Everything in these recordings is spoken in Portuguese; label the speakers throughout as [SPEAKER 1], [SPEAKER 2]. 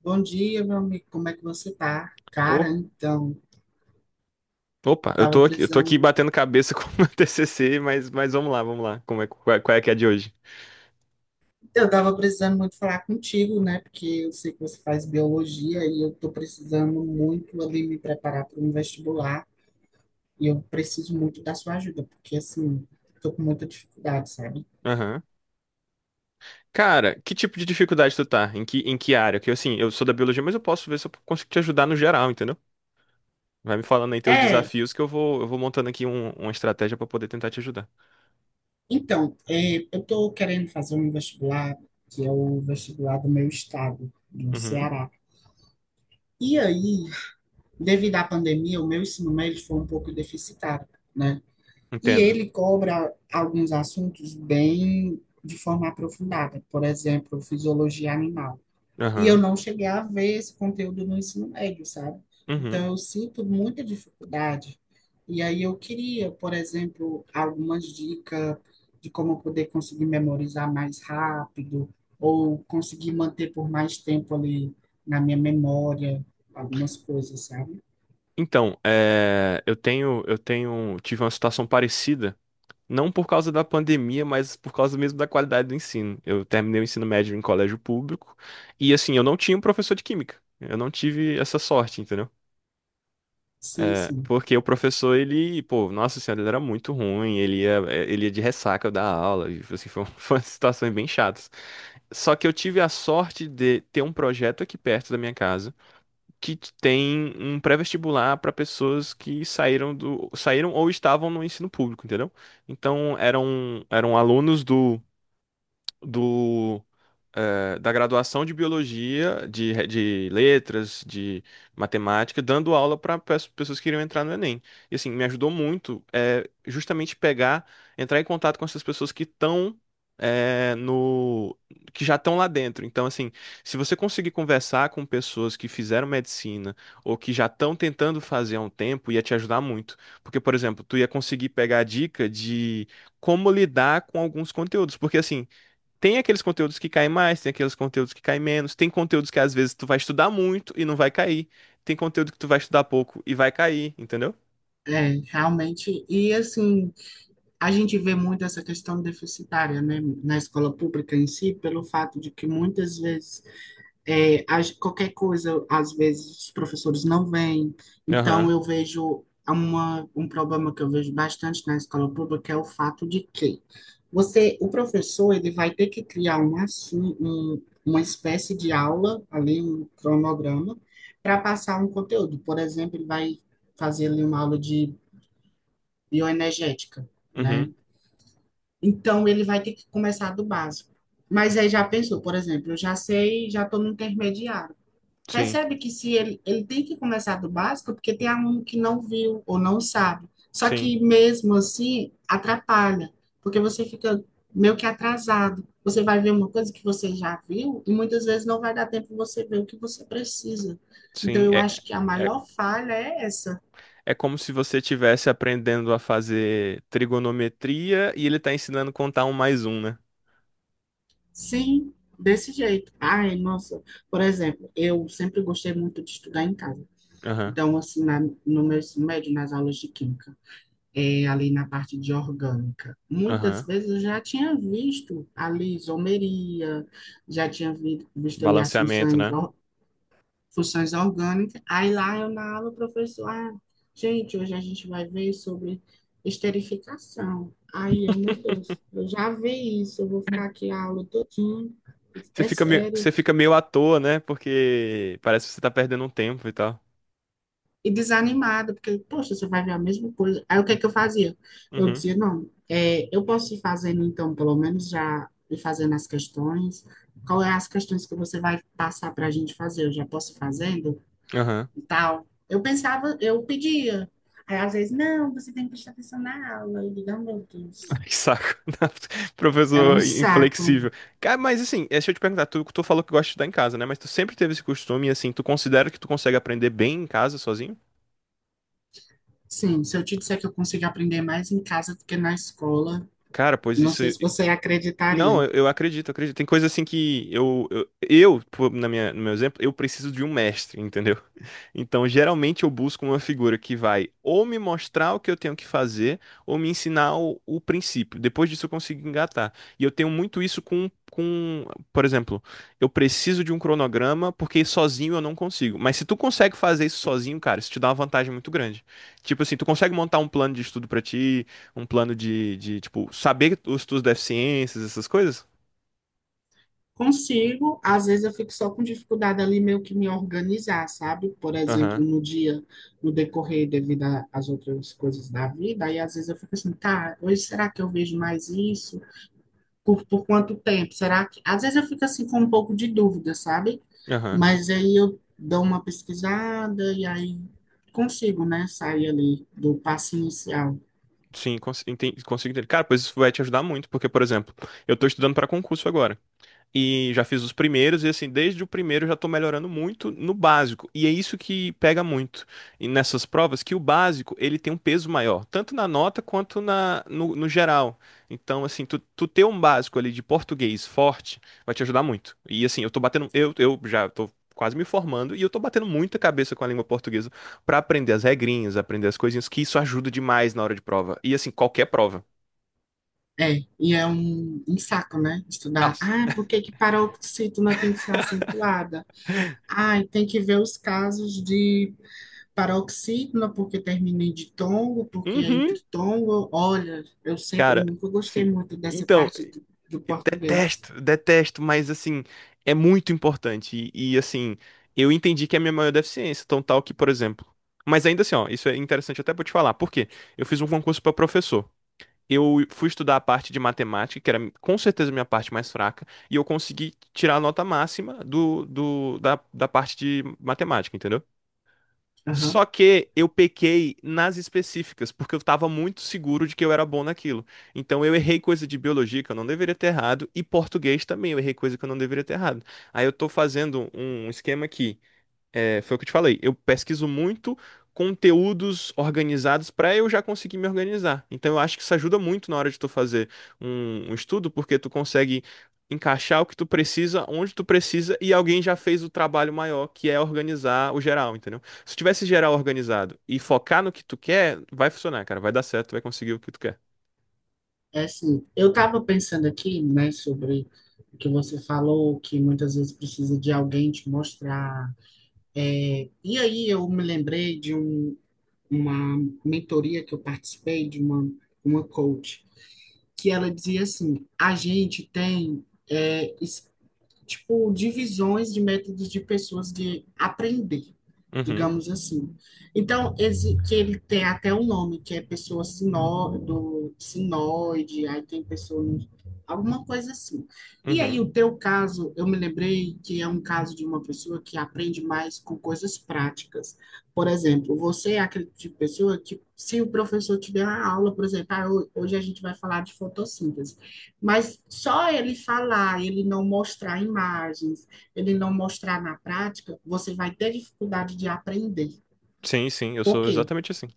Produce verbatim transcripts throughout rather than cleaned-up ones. [SPEAKER 1] Bom dia, meu amigo. Como é que você tá? Cara,
[SPEAKER 2] Ô,
[SPEAKER 1] então,
[SPEAKER 2] opa, eu
[SPEAKER 1] tava
[SPEAKER 2] tô aqui, eu tô aqui
[SPEAKER 1] precisando,
[SPEAKER 2] batendo cabeça com o meu T C C, mas, mas vamos lá, vamos lá. Como é, qual, é qual é que é a de hoje?
[SPEAKER 1] eu tava precisando muito falar contigo, né? Porque eu sei que você faz biologia e eu tô precisando muito ali me preparar para um vestibular e eu preciso muito da sua ajuda, porque assim, tô com muita dificuldade, sabe?
[SPEAKER 2] Aham. Cara, que tipo de dificuldade tu tá? Em que, em que área? Que assim, eu sou da biologia, mas eu posso ver se eu consigo te ajudar no geral, entendeu? Vai me falando aí teus
[SPEAKER 1] É,
[SPEAKER 2] desafios que eu vou, eu vou montando aqui um- uma estratégia pra poder tentar te ajudar.
[SPEAKER 1] então, é, eu tô querendo fazer um vestibular que é o vestibular do meu estado, do
[SPEAKER 2] Uhum,
[SPEAKER 1] Ceará. E aí, devido à pandemia, o meu ensino médio foi um pouco deficitário, né? E
[SPEAKER 2] entendo.
[SPEAKER 1] ele cobra alguns assuntos bem de forma aprofundada, por exemplo, fisiologia animal. E eu
[SPEAKER 2] Aham.
[SPEAKER 1] não cheguei a ver esse conteúdo no ensino médio, sabe?
[SPEAKER 2] Uhum.
[SPEAKER 1] Então eu sinto muita dificuldade. E aí eu queria, por exemplo, algumas dicas de como eu poder conseguir memorizar mais rápido ou conseguir manter por mais tempo ali na minha memória algumas coisas, sabe?
[SPEAKER 2] Então, é, eu tenho, eu tenho, tive uma situação parecida. Não por causa da pandemia, mas por causa mesmo da qualidade do ensino. Eu terminei o ensino médio em colégio público e, assim, eu não tinha um professor de química. Eu não tive essa sorte, entendeu?
[SPEAKER 1] Sim,
[SPEAKER 2] É,
[SPEAKER 1] sim.
[SPEAKER 2] porque o professor, ele, pô, nossa senhora, ele era muito ruim, ele ia, é, ele ia de ressaca da aula, e, assim, foi, um- foram situações bem chatas. Só que eu tive a sorte de ter um projeto aqui perto da minha casa que tem um pré-vestibular para pessoas que saíram do, saíram ou estavam no ensino público, entendeu? Então eram eram alunos do do eh, da graduação de biologia, de, re- de letras, de matemática, dando aula para pessoas que queriam entrar no Enem. E assim, me ajudou muito, é, justamente pegar, entrar em contato com essas pessoas que estão eh, no que já estão lá dentro. Então, assim, se você conseguir conversar com pessoas que fizeram medicina ou que já estão tentando fazer há um tempo, ia te ajudar muito. Porque, por exemplo, tu ia conseguir pegar a dica de como lidar com alguns conteúdos. Porque assim, tem aqueles conteúdos que caem mais, tem aqueles conteúdos que caem menos, tem conteúdos que às vezes tu vai estudar muito e não vai cair, tem conteúdo que tu vai estudar pouco e vai cair, entendeu?
[SPEAKER 1] É, realmente. E assim, a gente vê muito essa questão deficitária, né, na escola pública em si, pelo fato de que muitas vezes é, as- qualquer coisa, às vezes os professores não vêm. Então
[SPEAKER 2] Aham,
[SPEAKER 1] eu vejo uma, um problema que eu vejo bastante na escola pública é o fato de que você, o professor, ele vai ter que criar uma assu- um, uma espécie de aula, ali um cronograma, para passar um conteúdo. Por exemplo, ele vai fazer ali uma aula de bioenergética,
[SPEAKER 2] uhum,
[SPEAKER 1] né? Então, ele vai ter que começar do básico. Mas aí já pensou, por exemplo, eu já sei, já estou no intermediário.
[SPEAKER 2] sim,
[SPEAKER 1] Percebe que se ele, ele tem que começar do básico, porque tem aluno que não viu ou não sabe. Só
[SPEAKER 2] sim,
[SPEAKER 1] que mesmo assim, atrapalha, porque você fica meio que atrasado. Você vai ver uma coisa que você já viu e muitas vezes não vai dar tempo de você ver o que você precisa. Então,
[SPEAKER 2] sim.
[SPEAKER 1] eu
[SPEAKER 2] É,
[SPEAKER 1] acho que a
[SPEAKER 2] é,
[SPEAKER 1] maior falha é essa.
[SPEAKER 2] é como se você estivesse aprendendo a fazer trigonometria e ele tá ensinando a contar um mais um, né?
[SPEAKER 1] Sim, desse jeito. Ai, nossa, por exemplo, eu sempre gostei muito de estudar em casa.
[SPEAKER 2] Aham,
[SPEAKER 1] Então, assim, na, no meu ensino médio, nas aulas de química, é, ali na parte de orgânica, muitas
[SPEAKER 2] aham.
[SPEAKER 1] vezes eu já tinha visto ali isomeria, já tinha vi- visto ali as
[SPEAKER 2] Balanceamento,
[SPEAKER 1] funções
[SPEAKER 2] né?
[SPEAKER 1] funções orgânicas. Aí lá eu na aula, o professor, ah, gente, hoje a gente vai ver sobre esterificação. Aí eu, meu Deus, eu já vi isso, eu vou ficar aqui a aula todinha,
[SPEAKER 2] Você
[SPEAKER 1] é
[SPEAKER 2] fica meio,
[SPEAKER 1] sério.
[SPEAKER 2] você fica meio à toa, né? Porque parece que você tá perdendo um tempo e tal.
[SPEAKER 1] E desanimada, porque, poxa, você vai ver a mesma coisa. Aí o que é que eu fazia? Eu
[SPEAKER 2] Uhum,
[SPEAKER 1] dizia, não, é, eu posso ir fazendo, então, pelo menos já ir fazendo as questões. Qual é as questões que você vai passar para a gente fazer? Eu já posso ir fazendo?
[SPEAKER 2] aham.
[SPEAKER 1] E tal. Eu pensava, eu pedia. Aí às vezes, não, você tem que prestar atenção na aula. E digo, "Ah, meu Deus.
[SPEAKER 2] Que saco,
[SPEAKER 1] Era um
[SPEAKER 2] professor
[SPEAKER 1] saco.
[SPEAKER 2] inflexível. Cara, mas assim, é, deixa eu te perguntar, tu, tu falou que gosta de estudar em casa, né? Mas tu sempre teve esse costume, assim, tu considera que tu consegue aprender bem em casa sozinho?
[SPEAKER 1] Sim, se eu te disser que eu consigo aprender mais em casa do que na escola,
[SPEAKER 2] Cara, pois
[SPEAKER 1] não
[SPEAKER 2] isso.
[SPEAKER 1] sei se você
[SPEAKER 2] Não,
[SPEAKER 1] acreditaria.
[SPEAKER 2] eu, eu acredito, eu acredito. Tem coisa assim que eu, eu, eu, pô, na minha, no meu exemplo, eu preciso de um mestre, entendeu? Então, geralmente eu busco uma figura que vai ou me mostrar o que eu tenho que fazer, ou me ensinar o, o princípio. Depois disso eu consigo engatar. E eu tenho muito isso com, com, por exemplo, eu preciso de um cronograma porque sozinho eu não consigo. Mas se tu consegue fazer isso sozinho, cara, isso te dá uma vantagem muito grande. Tipo assim, tu consegue montar um plano de estudo pra ti, um plano de, de, tipo, saber os tuas deficiências, essas coisas?
[SPEAKER 1] Consigo, às vezes eu fico só com dificuldade ali meio que me organizar, sabe? Por exemplo,
[SPEAKER 2] Aham,
[SPEAKER 1] no dia, no decorrer devido a- às outras coisas da vida, aí às vezes eu fico assim, tá, hoje será que eu vejo mais isso? Por, por quanto tempo? Será que. Às vezes eu fico assim com um pouco de dúvida, sabe?
[SPEAKER 2] aham.
[SPEAKER 1] Mas aí eu dou uma pesquisada e aí consigo, né? Sair ali do passo inicial.
[SPEAKER 2] Sim, cons enten- consigo entender. Cara, pois isso vai te ajudar muito, porque, por exemplo, eu tô estudando pra concurso agora. E já fiz os primeiros, e assim, desde o primeiro eu já tô melhorando muito no básico. E é isso que pega muito e nessas provas, que o básico, ele tem um peso maior, tanto na nota quanto na, no, no geral. Então, assim, tu, tu ter um básico ali de português forte vai te ajudar muito. E assim, eu tô batendo, eu, eu já tô quase me formando e eu tô batendo muita cabeça com a língua portuguesa pra aprender as regrinhas, aprender as coisinhas, que isso ajuda demais na hora de prova. E assim, qualquer prova.
[SPEAKER 1] É, e é um, um saco, né?
[SPEAKER 2] Ah,
[SPEAKER 1] Estudar. Ah, por que que paroxítona tem que ser acentuada? Ah, e tem que ver os casos de paroxítona, porque termina em ditongo, porque é
[SPEAKER 2] uhum,
[SPEAKER 1] entre tongo. Olha, eu sempre, eu
[SPEAKER 2] cara,
[SPEAKER 1] nunca gostei
[SPEAKER 2] sim.
[SPEAKER 1] muito dessa
[SPEAKER 2] Então,
[SPEAKER 1] parte do, do
[SPEAKER 2] eu
[SPEAKER 1] português.
[SPEAKER 2] detesto, detesto, mas assim, é muito importante. E, e, assim, eu entendi que é a minha maior deficiência, tão tal que, por exemplo. Mas ainda assim, ó, isso é interessante até pra eu te falar. Por quê? Eu fiz um concurso pra professor. Eu fui estudar a parte de matemática, que era com certeza a minha parte mais fraca, e eu consegui tirar a nota máxima do, do, da, da parte de matemática, entendeu?
[SPEAKER 1] Aham.
[SPEAKER 2] Só que eu pequei nas específicas, porque eu estava muito seguro de que eu era bom naquilo. Então eu errei coisa de biologia que eu não deveria ter errado, e português também eu errei coisa que eu não deveria ter errado. Aí eu tô fazendo um esquema aqui, é, foi o que eu te falei. Eu pesquiso muito conteúdos organizados para eu já conseguir me organizar. Então, eu acho que isso ajuda muito na hora de tu fazer um, um estudo, porque tu consegue encaixar o que tu precisa, onde tu precisa, e alguém já fez o trabalho maior, que é organizar o geral, entendeu? Se tivesse geral organizado e focar no que tu quer, vai funcionar, cara. Vai dar certo, vai conseguir o que tu quer.
[SPEAKER 1] É assim, eu estava pensando aqui, né, sobre o que você falou, que muitas vezes precisa de alguém te mostrar. E aí eu me lembrei de um, uma mentoria que eu participei de uma, uma coach, que ela dizia assim: a gente tem é, tipo, divisões de métodos de pessoas de aprender,
[SPEAKER 2] Uhum,
[SPEAKER 1] digamos assim. Então, esse, que ele tem até um nome, que é pessoa sinó, do sinoide, aí tem pessoa, alguma coisa assim. E aí,
[SPEAKER 2] uhum.
[SPEAKER 1] o teu caso, eu me lembrei que é um caso de uma pessoa que aprende mais com coisas práticas. Por exemplo, você é aquele tipo de pessoa que, se o professor tiver uma aula, por exemplo, ah, ho- hoje a gente vai falar de fotossíntese. Mas só ele falar, ele não mostrar imagens, ele não mostrar na prática, você vai ter dificuldade de aprender.
[SPEAKER 2] Sim, sim, eu
[SPEAKER 1] Por
[SPEAKER 2] sou
[SPEAKER 1] quê?
[SPEAKER 2] exatamente assim.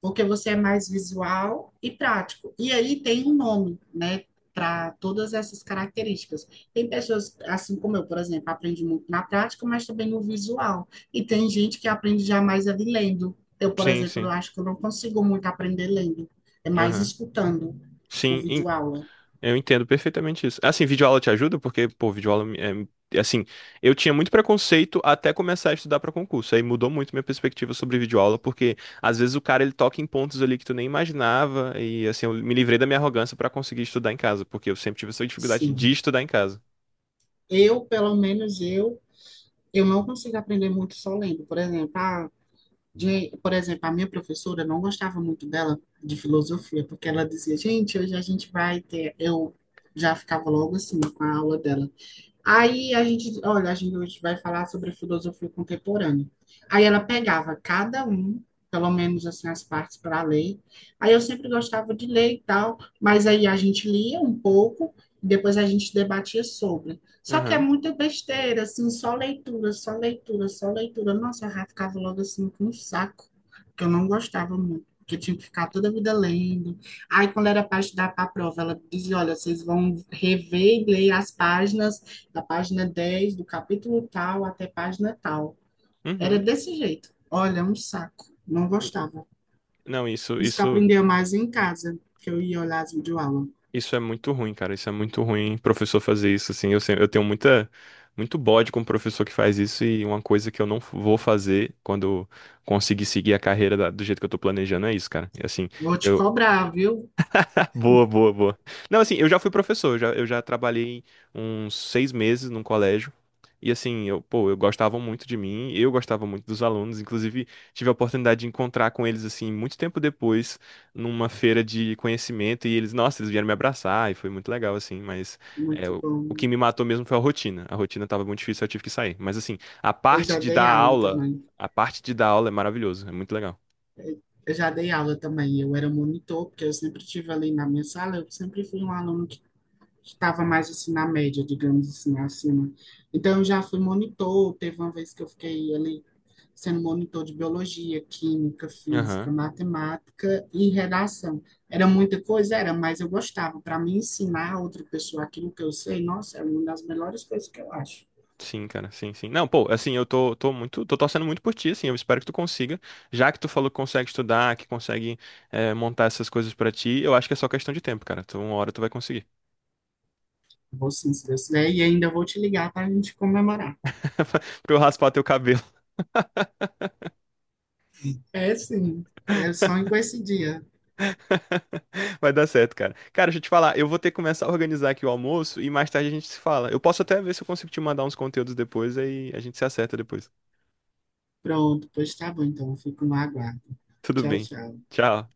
[SPEAKER 1] Porque você é mais visual e prático. E aí tem um nome, né, para todas essas características. Tem pessoas, assim como eu, por exemplo, aprende muito na prática, mas também no visual. E tem gente que aprende jamais ali lendo. Eu, por
[SPEAKER 2] Sim,
[SPEAKER 1] exemplo, eu
[SPEAKER 2] sim.
[SPEAKER 1] acho que eu não consigo muito aprender lendo, é mais
[SPEAKER 2] Aham.
[SPEAKER 1] escutando, tipo
[SPEAKER 2] Sim, in-
[SPEAKER 1] vídeo aula.
[SPEAKER 2] eu entendo perfeitamente isso. Assim, videoaula te ajuda? Porque, pô, videoaula, me- é, é, assim, eu tinha muito preconceito até começar a estudar para concurso. Aí mudou muito minha perspectiva sobre videoaula, porque às vezes o cara ele toca em pontos ali que tu nem imaginava. E, assim, eu me livrei da minha arrogância para conseguir estudar em casa, porque eu sempre tive essa dificuldade de
[SPEAKER 1] Sim.
[SPEAKER 2] estudar em casa.
[SPEAKER 1] Eu, pelo menos eu, eu, não consigo aprender muito só lendo. Por exemplo, a, de- por exemplo, a minha professora eu não gostava muito dela de filosofia, porque ela dizia, gente, hoje a gente vai ter. Eu já ficava logo assim com a aula dela. Aí a gente, olha, a gente hoje vai falar sobre filosofia contemporânea. Aí ela pegava cada um, pelo menos assim, as partes para ler. Aí eu sempre gostava de ler e tal, mas aí a gente lia um pouco e depois a gente debatia sobre. Só que é
[SPEAKER 2] Aham.
[SPEAKER 1] muita besteira, assim, só leitura, só leitura, só leitura. Nossa, eu já ficava logo assim com um saco, que eu não gostava muito. Porque eu tinha que ficar toda a vida lendo. Aí, quando era para estudar para a prova, ela dizia: Olha, vocês vão rever e ler as páginas da página dez do capítulo tal até página tal. Era
[SPEAKER 2] Uhum.
[SPEAKER 1] desse jeito. Olha, um saco. Não gostava.
[SPEAKER 2] Não, isso,
[SPEAKER 1] Por isso que eu
[SPEAKER 2] isso.
[SPEAKER 1] aprendia mais em casa, que eu ia olhar as videoaulas.
[SPEAKER 2] Isso é muito ruim, cara. Isso é muito ruim, professor fazer isso, assim. Eu, sempre, eu tenho muita, muito bode com o professor que faz isso e uma coisa que eu não vou fazer quando conseguir seguir a carreira da- do jeito que eu tô planejando é isso, cara. E, assim,
[SPEAKER 1] Vou te
[SPEAKER 2] eu,
[SPEAKER 1] cobrar, viu?
[SPEAKER 2] boa, boa, boa. Não, assim, eu já fui professor, eu já, eu já trabalhei uns seis meses num colégio. E assim, eu, pô, eu gostava muito de mim, eu gostava muito dos alunos, inclusive tive a oportunidade de encontrar com eles, assim, muito tempo depois, numa feira de conhecimento, e eles, nossa, eles vieram me abraçar, e foi muito legal, assim, mas é,
[SPEAKER 1] Muito
[SPEAKER 2] o, o que
[SPEAKER 1] bom.
[SPEAKER 2] me matou mesmo foi a rotina. A rotina tava muito difícil, eu tive que sair. Mas assim, a
[SPEAKER 1] Eu já
[SPEAKER 2] parte de dar
[SPEAKER 1] dei aula
[SPEAKER 2] aula,
[SPEAKER 1] também.
[SPEAKER 2] a parte de dar aula é maravilhoso, é muito legal.
[SPEAKER 1] Eu já dei aula também. Eu era monitor, porque eu sempre estive ali na minha sala. Eu sempre fui um aluno estava mais assim na média, digamos assim, acima. Então eu já fui monitor, teve uma vez que eu fiquei ali sendo monitor de biologia, química,
[SPEAKER 2] Aham.
[SPEAKER 1] física, matemática e redação. Era muita coisa, era, mas eu gostava. Para mim ensinar a outra pessoa aquilo que eu sei, nossa, é uma das melhores coisas que eu acho.
[SPEAKER 2] Sim, cara, sim, sim. Não, pô, assim, eu tô, tô muito, tô torcendo muito por ti, assim, eu espero que tu consiga, já que tu falou que consegue estudar, que consegue eh, montar essas coisas pra ti, eu acho que é só questão de tempo, cara, tu, uma hora tu vai conseguir,
[SPEAKER 1] Vou sim, se Deus quiser, e ainda vou te ligar para a gente comemorar.
[SPEAKER 2] pra eu raspar teu cabelo,
[SPEAKER 1] É sim, eu sonho com esse dia.
[SPEAKER 2] vai dar certo, cara. Cara, deixa eu te falar, eu vou ter que começar a organizar aqui o almoço e mais tarde a gente se fala, eu posso até ver se eu consigo te mandar uns conteúdos depois, aí a gente se acerta depois.
[SPEAKER 1] Pronto, pois tá bom, então eu fico no aguardo.
[SPEAKER 2] Tudo
[SPEAKER 1] Tchau,
[SPEAKER 2] bem,
[SPEAKER 1] tchau.
[SPEAKER 2] tchau.